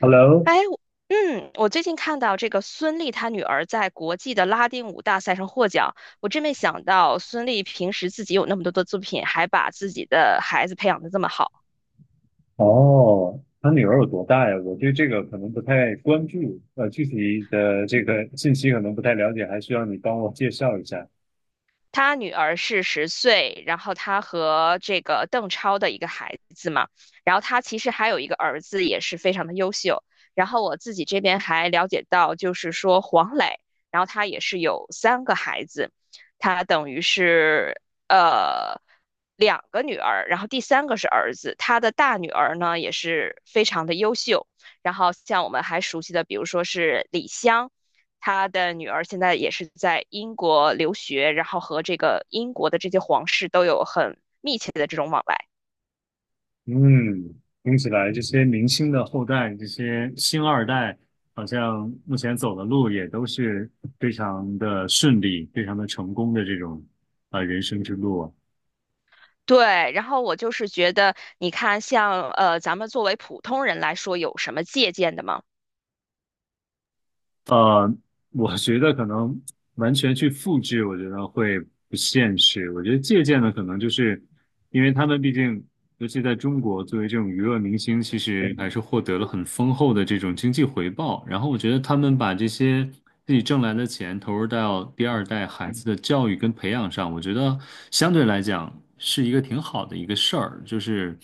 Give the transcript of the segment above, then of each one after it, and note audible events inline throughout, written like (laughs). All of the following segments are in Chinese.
Hello，哎，我最近看到这个孙俪她女儿在国际的拉丁舞大赛上获奖，我真没想到孙俪平时自己有那么多的作品，还把自己的孩子培养的这么好。哦，他女儿有多大呀？我对这个可能不太关注，具体的这个信息可能不太了解，还需要你帮我介绍一下。他女儿是十岁，然后他和这个邓超的一个孩子嘛，然后他其实还有一个儿子，也是非常的优秀。然后我自己这边还了解到，就是说黄磊，然后他也是有三个孩子，他等于是呃两个女儿，然后第三个是儿子，他的大女儿呢也是非常的优秀。然后像我们还熟悉的，比如说是李湘，他的女儿现在也是在英国留学，然后和这个英国的这些皇室都有很密切的这种往来。嗯，听起来这些明星的后代，这些星二代，好像目前走的路也都是非常的顺利、非常的成功的这种人生之路啊。对，然后我就是觉得，你看像，咱们作为普通人来说，有什么借鉴的吗？呃，我觉得可能完全去复制，我觉得会不现实。我觉得借鉴的可能就是，因为他们毕竟，尤其在中国，作为这种娱乐明星，其实还是获得了很丰厚的这种经济回报。然后我觉得他们把这些自己挣来的钱投入到第二代孩子的教育跟培养上，我觉得相对来讲是一个挺好的一个事儿，就是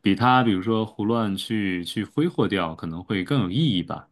比他比如说胡乱去挥霍掉，可能会更有意义吧。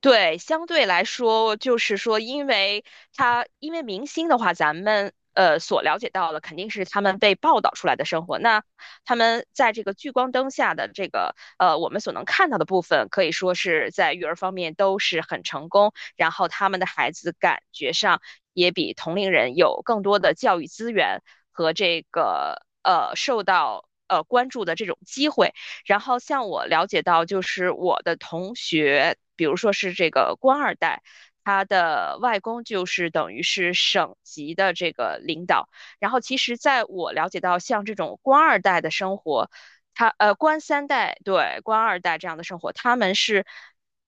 对，相对来说，就是说，因为明星的话，咱们所了解到的肯定是他们被报道出来的生活。那他们在这个聚光灯下的这个我们所能看到的部分，可以说是在育儿方面都是很成功，然后他们的孩子感觉上也比同龄人有更多的教育资源和这个受到关注的这种机会。然后像我了解到，就是我的同学，比如说是这个官二代，他的外公就是等于是省级的这个领导。然后其实在我了解到，像这种官二代的生活，他官三代对官二代这样的生活，他们是。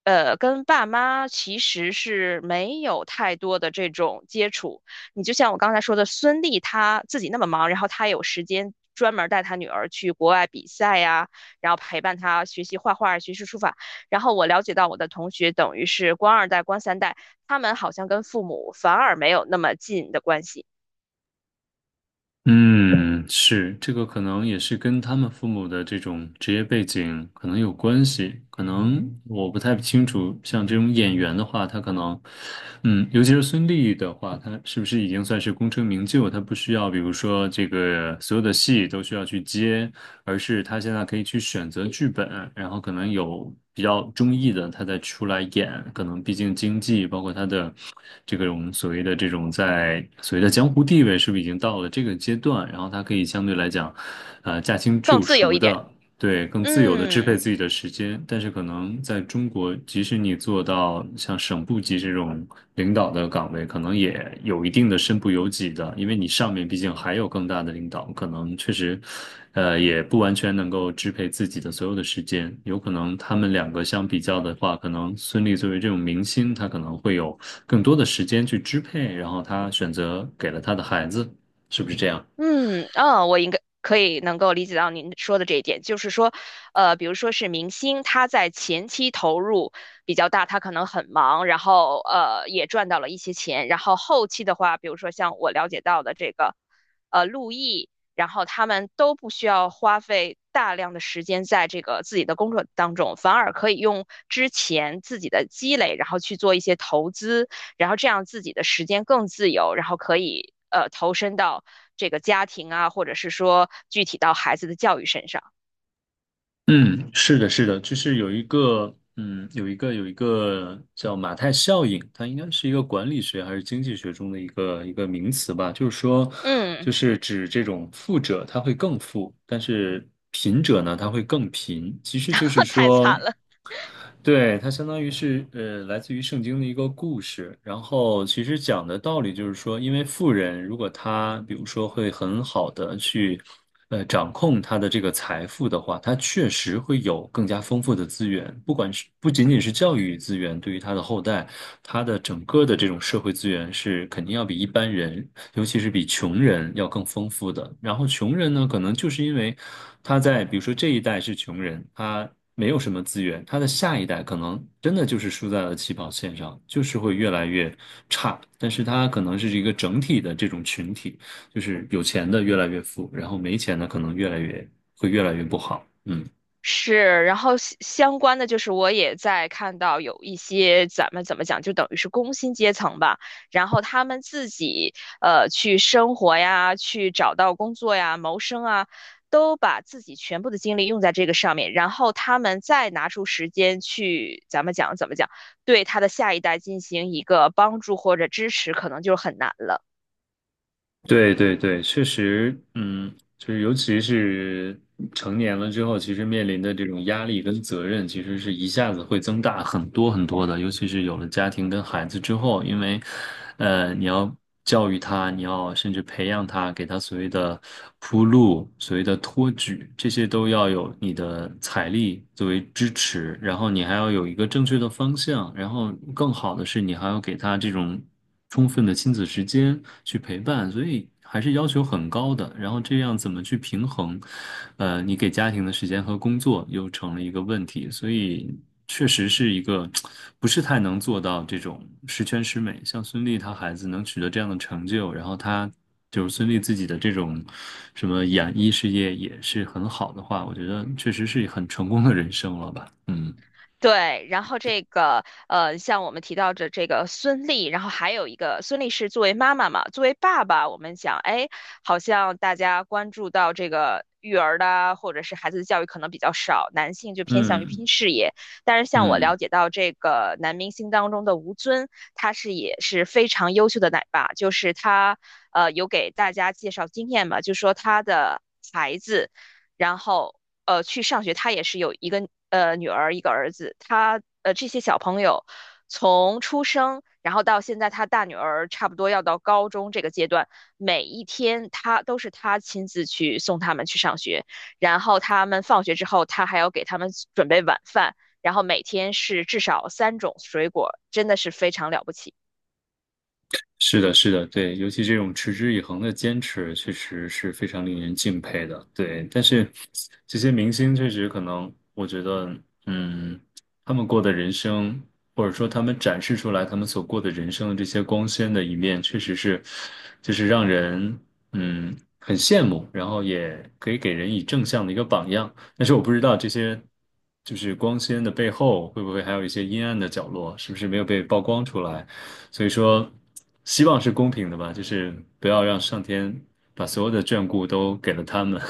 跟爸妈其实是没有太多的这种接触。你就像我刚才说的，孙俪她自己那么忙，然后她有时间专门带她女儿去国外比赛呀，然后陪伴他学习画画、学习书法。然后我了解到我的同学等于是官二代、官三代，他们好像跟父母反而没有那么近的关系，嗯，是，这个可能也是跟他们父母的这种职业背景可能有关系，可能我不太清楚。像这种演员的话，他可能，嗯，尤其是孙俪的话，她是不是已经算是功成名就？她不需要，比如说这个所有的戏都需要去接，而是她现在可以去选择剧本，然后可能有。比较中意的，他再出来演，可能毕竟经济，包括他的这个我们所谓的这种在所谓的江湖地位，是不是已经到了这个阶段？然后他可以相对来讲，驾轻更就自由熟一点。的对，更自由的支配嗯。自己的时间，但是可能在中国，即使你做到像省部级这种领导的岗位，可能也有一定的身不由己的，因为你上面毕竟还有更大的领导，可能确实，也不完全能够支配自己的所有的时间。有可能他们两个相比较的话，可能孙俪作为这种明星，她可能会有更多的时间去支配，然后她选择给了她的孩子，是不是这样？嗯，啊，我应该可以能够理解到您说的这一点，就是说，比如说是明星，他在前期投入比较大，他可能很忙，然后也赚到了一些钱，然后后期的话，比如说像我了解到的这个，陆毅，然后他们都不需要花费大量的时间在这个自己的工作当中，反而可以用之前自己的积累，然后去做一些投资。然后这样自己的时间更自由，然后可以投身到这个家庭啊，或者是说具体到孩子的教育身上。嗯，是的，是的，就是有一个，嗯，有一个叫马太效应，它应该是一个管理学还是经济学中的一个名词吧。就是说，就嗯，是指这种富者他会更富，但是贫者呢他会更贫。其实就是 (laughs) 太说。惨了。对，它相当于是来自于圣经的一个故事。然后其实讲的道理就是说，因为富人如果他比如说会很好的去掌控他的这个财富的话，他确实会有更加丰富的资源，不管是不仅仅是教育资源，对于他的后代，他的整个的这种社会资源是肯定要比一般人，尤其是比穷人要更丰富的。然后穷人呢，可能就是因为他在比如说这一代是穷人，他。没有什么资源，他的下一代可能真的就是输在了起跑线上，就是会越来越差。但是他可能是一个整体的这种群体，就是有钱的越来越富，然后没钱的可能越来越会越来越不好。嗯。是，然后相关的就是我也在看到有一些咱们怎么讲，就等于是工薪阶层吧，然后他们自己去生活呀，去找到工作呀，谋生啊，都把自己全部的精力用在这个上面，然后他们再拿出时间去咱们讲怎么讲，对他的下一代进行一个帮助或者支持，可能就很难了。对对对，确实，嗯，就是尤其是成年了之后，其实面临的这种压力跟责任，其实是一下子会增大很多很多的。尤其是有了家庭跟孩子之后，因为，你要教育他，你要甚至培养他，给他所谓的铺路、所谓的托举，这些都要有你的财力作为支持，然后你还要有一个正确的方向，然后更好的是，你还要给他这种。充分的亲子时间去陪伴，所以还是要求很高的。然后这样怎么去平衡，你给家庭的时间和工作又成了一个问题，所以确实是一个 (tsk) 不是太能做到这种十全十美。像孙俪她孩子能取得这样的成就，然后她。就是孙俪自己的这种什么演艺事业也是很好的话，我觉得确实是很成功的人生了吧？嗯对，然后这个像我们提到的这个孙俪，然后还有一个孙俪是作为妈妈嘛，作为爸爸，我们讲，哎，好像大家关注到这个育儿的啊，或者是孩子的教育可能比较少，男性就偏向于嗯拼事业。但是像我嗯。了解到这个男明星当中的吴尊，他是也是非常优秀的奶爸，就是他有给大家介绍经验嘛，就说他的孩子。然后去上学，他也是有一个女儿一个儿子，他这些小朋友从出生，然后到现在他大女儿差不多要到高中这个阶段，每一天他都是他亲自去送他们去上学，然后他们放学之后，他还要给他们准备晚饭，然后每天是至少三种水果，真的是非常了不起。是的，是的，对，尤其这种持之以恒的坚持，确实是非常令人敬佩的。对，但是这些明星确实可能，我觉得，嗯，他们过的人生，或者说他们展示出来他们所过的人生的这些光鲜的一面，确实是，就是让人，嗯，很羡慕，然后也可以给人以正向的一个榜样。但是我不知道这些。就是光鲜的背后，会不会还有一些阴暗的角落？是不是没有被曝光出来？所以说，希望是公平的吧，就是不要让上天把所有的眷顾都给了他们。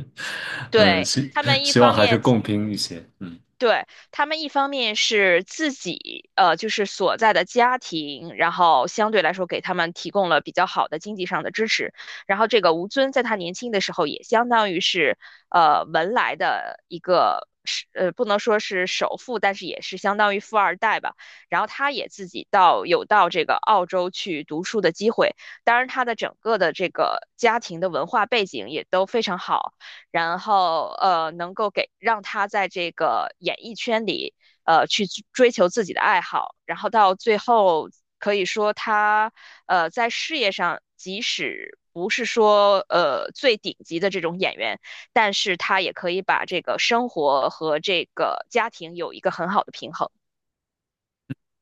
(laughs) 嗯，对，他们一希望方还是面共平一些。嗯，对，他们一方面是自己，就是所在的家庭，然后相对来说给他们提供了比较好的经济上的支持。然后这个吴尊在他年轻的时候也相当于是，文莱的一个是，不能说是首富，但是也是相当于富二代吧。然后他也自己到这个澳洲去读书的机会，当然他的整个的这个家庭的文化背景也都非常好。然后能够给让他在这个演艺圈里去追求自己的爱好，然后到最后可以说他在事业上即使。不是说最顶级的这种演员，但是他也可以把这个生活和这个家庭有一个很好的平衡。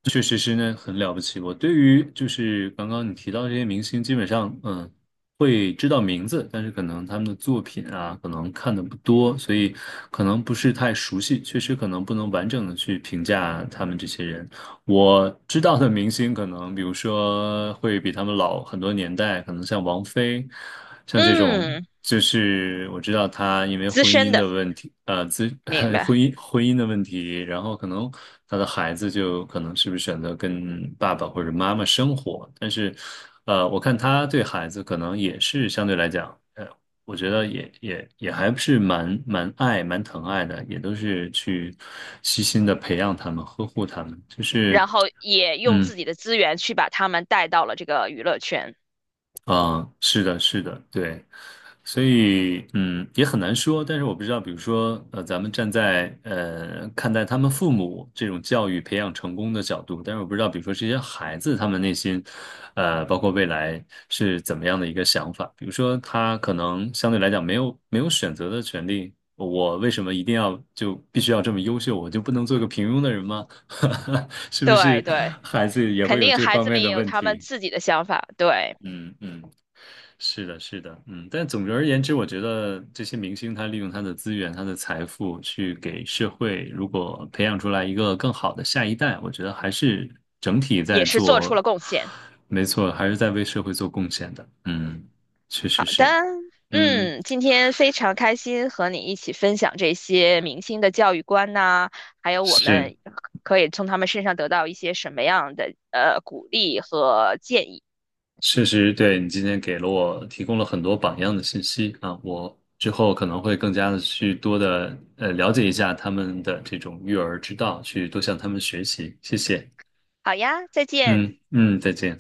确实是呢，很了不起。我对于就是刚刚你提到这些明星，基本上嗯会知道名字，但是可能他们的作品啊，可能看的不多，所以可能不是太熟悉，确实可能不能完整的去评价他们这些人。我知道的明星可能，比如说会比他们老很多年代，可能像王菲，像这种，嗯，就是我知道她因为资婚深姻的的，问题，明 (laughs) 婚白。姻婚姻的问题，然后可能她的孩子就可能是不是选择跟爸爸或者妈妈生活，但是，我看她对孩子可能也是相对来讲。我觉得也还是蛮蛮疼爱的，也都是去悉心的培养他们，呵护他们。就然是，后也用嗯。自己的资源去把他们带到了这个娱乐圈。嗯，是的，是的，对，所以嗯，也很难说。但是我不知道，比如说，咱们站在看待他们父母这种教育培养成功的角度，但是我不知道，比如说这些孩子他们内心，包括未来是怎么样的一个想法。比如说，他可能相对来讲没有选择的权利，我为什么一定要就必须要这么优秀？我就不能做个平庸的人吗？(laughs) 是不对是对。孩子也肯会有定这孩方子面们也的有问他们题？自己的想法，对，嗯嗯。是的，是的，嗯，但总而言之，我觉得这些明星他利用他的资源、他的财富去给社会，如果培养出来一个更好的下一代，我觉得还是整体也在是做出做，了贡献。没错，还是在为社会做贡献的。嗯，确好实的，是，嗯，嗯，今天非常开心和你一起分享这些明星的教育观呐、还有我是，们可以从他们身上得到一些什么样的鼓励和建议。确实对你今天给了我提供了很多榜样的信息啊，我之后可能会更加的去多的了解一下他们的这种育儿之道，去多向他们学习。谢谢。好呀，再见。嗯嗯，再见。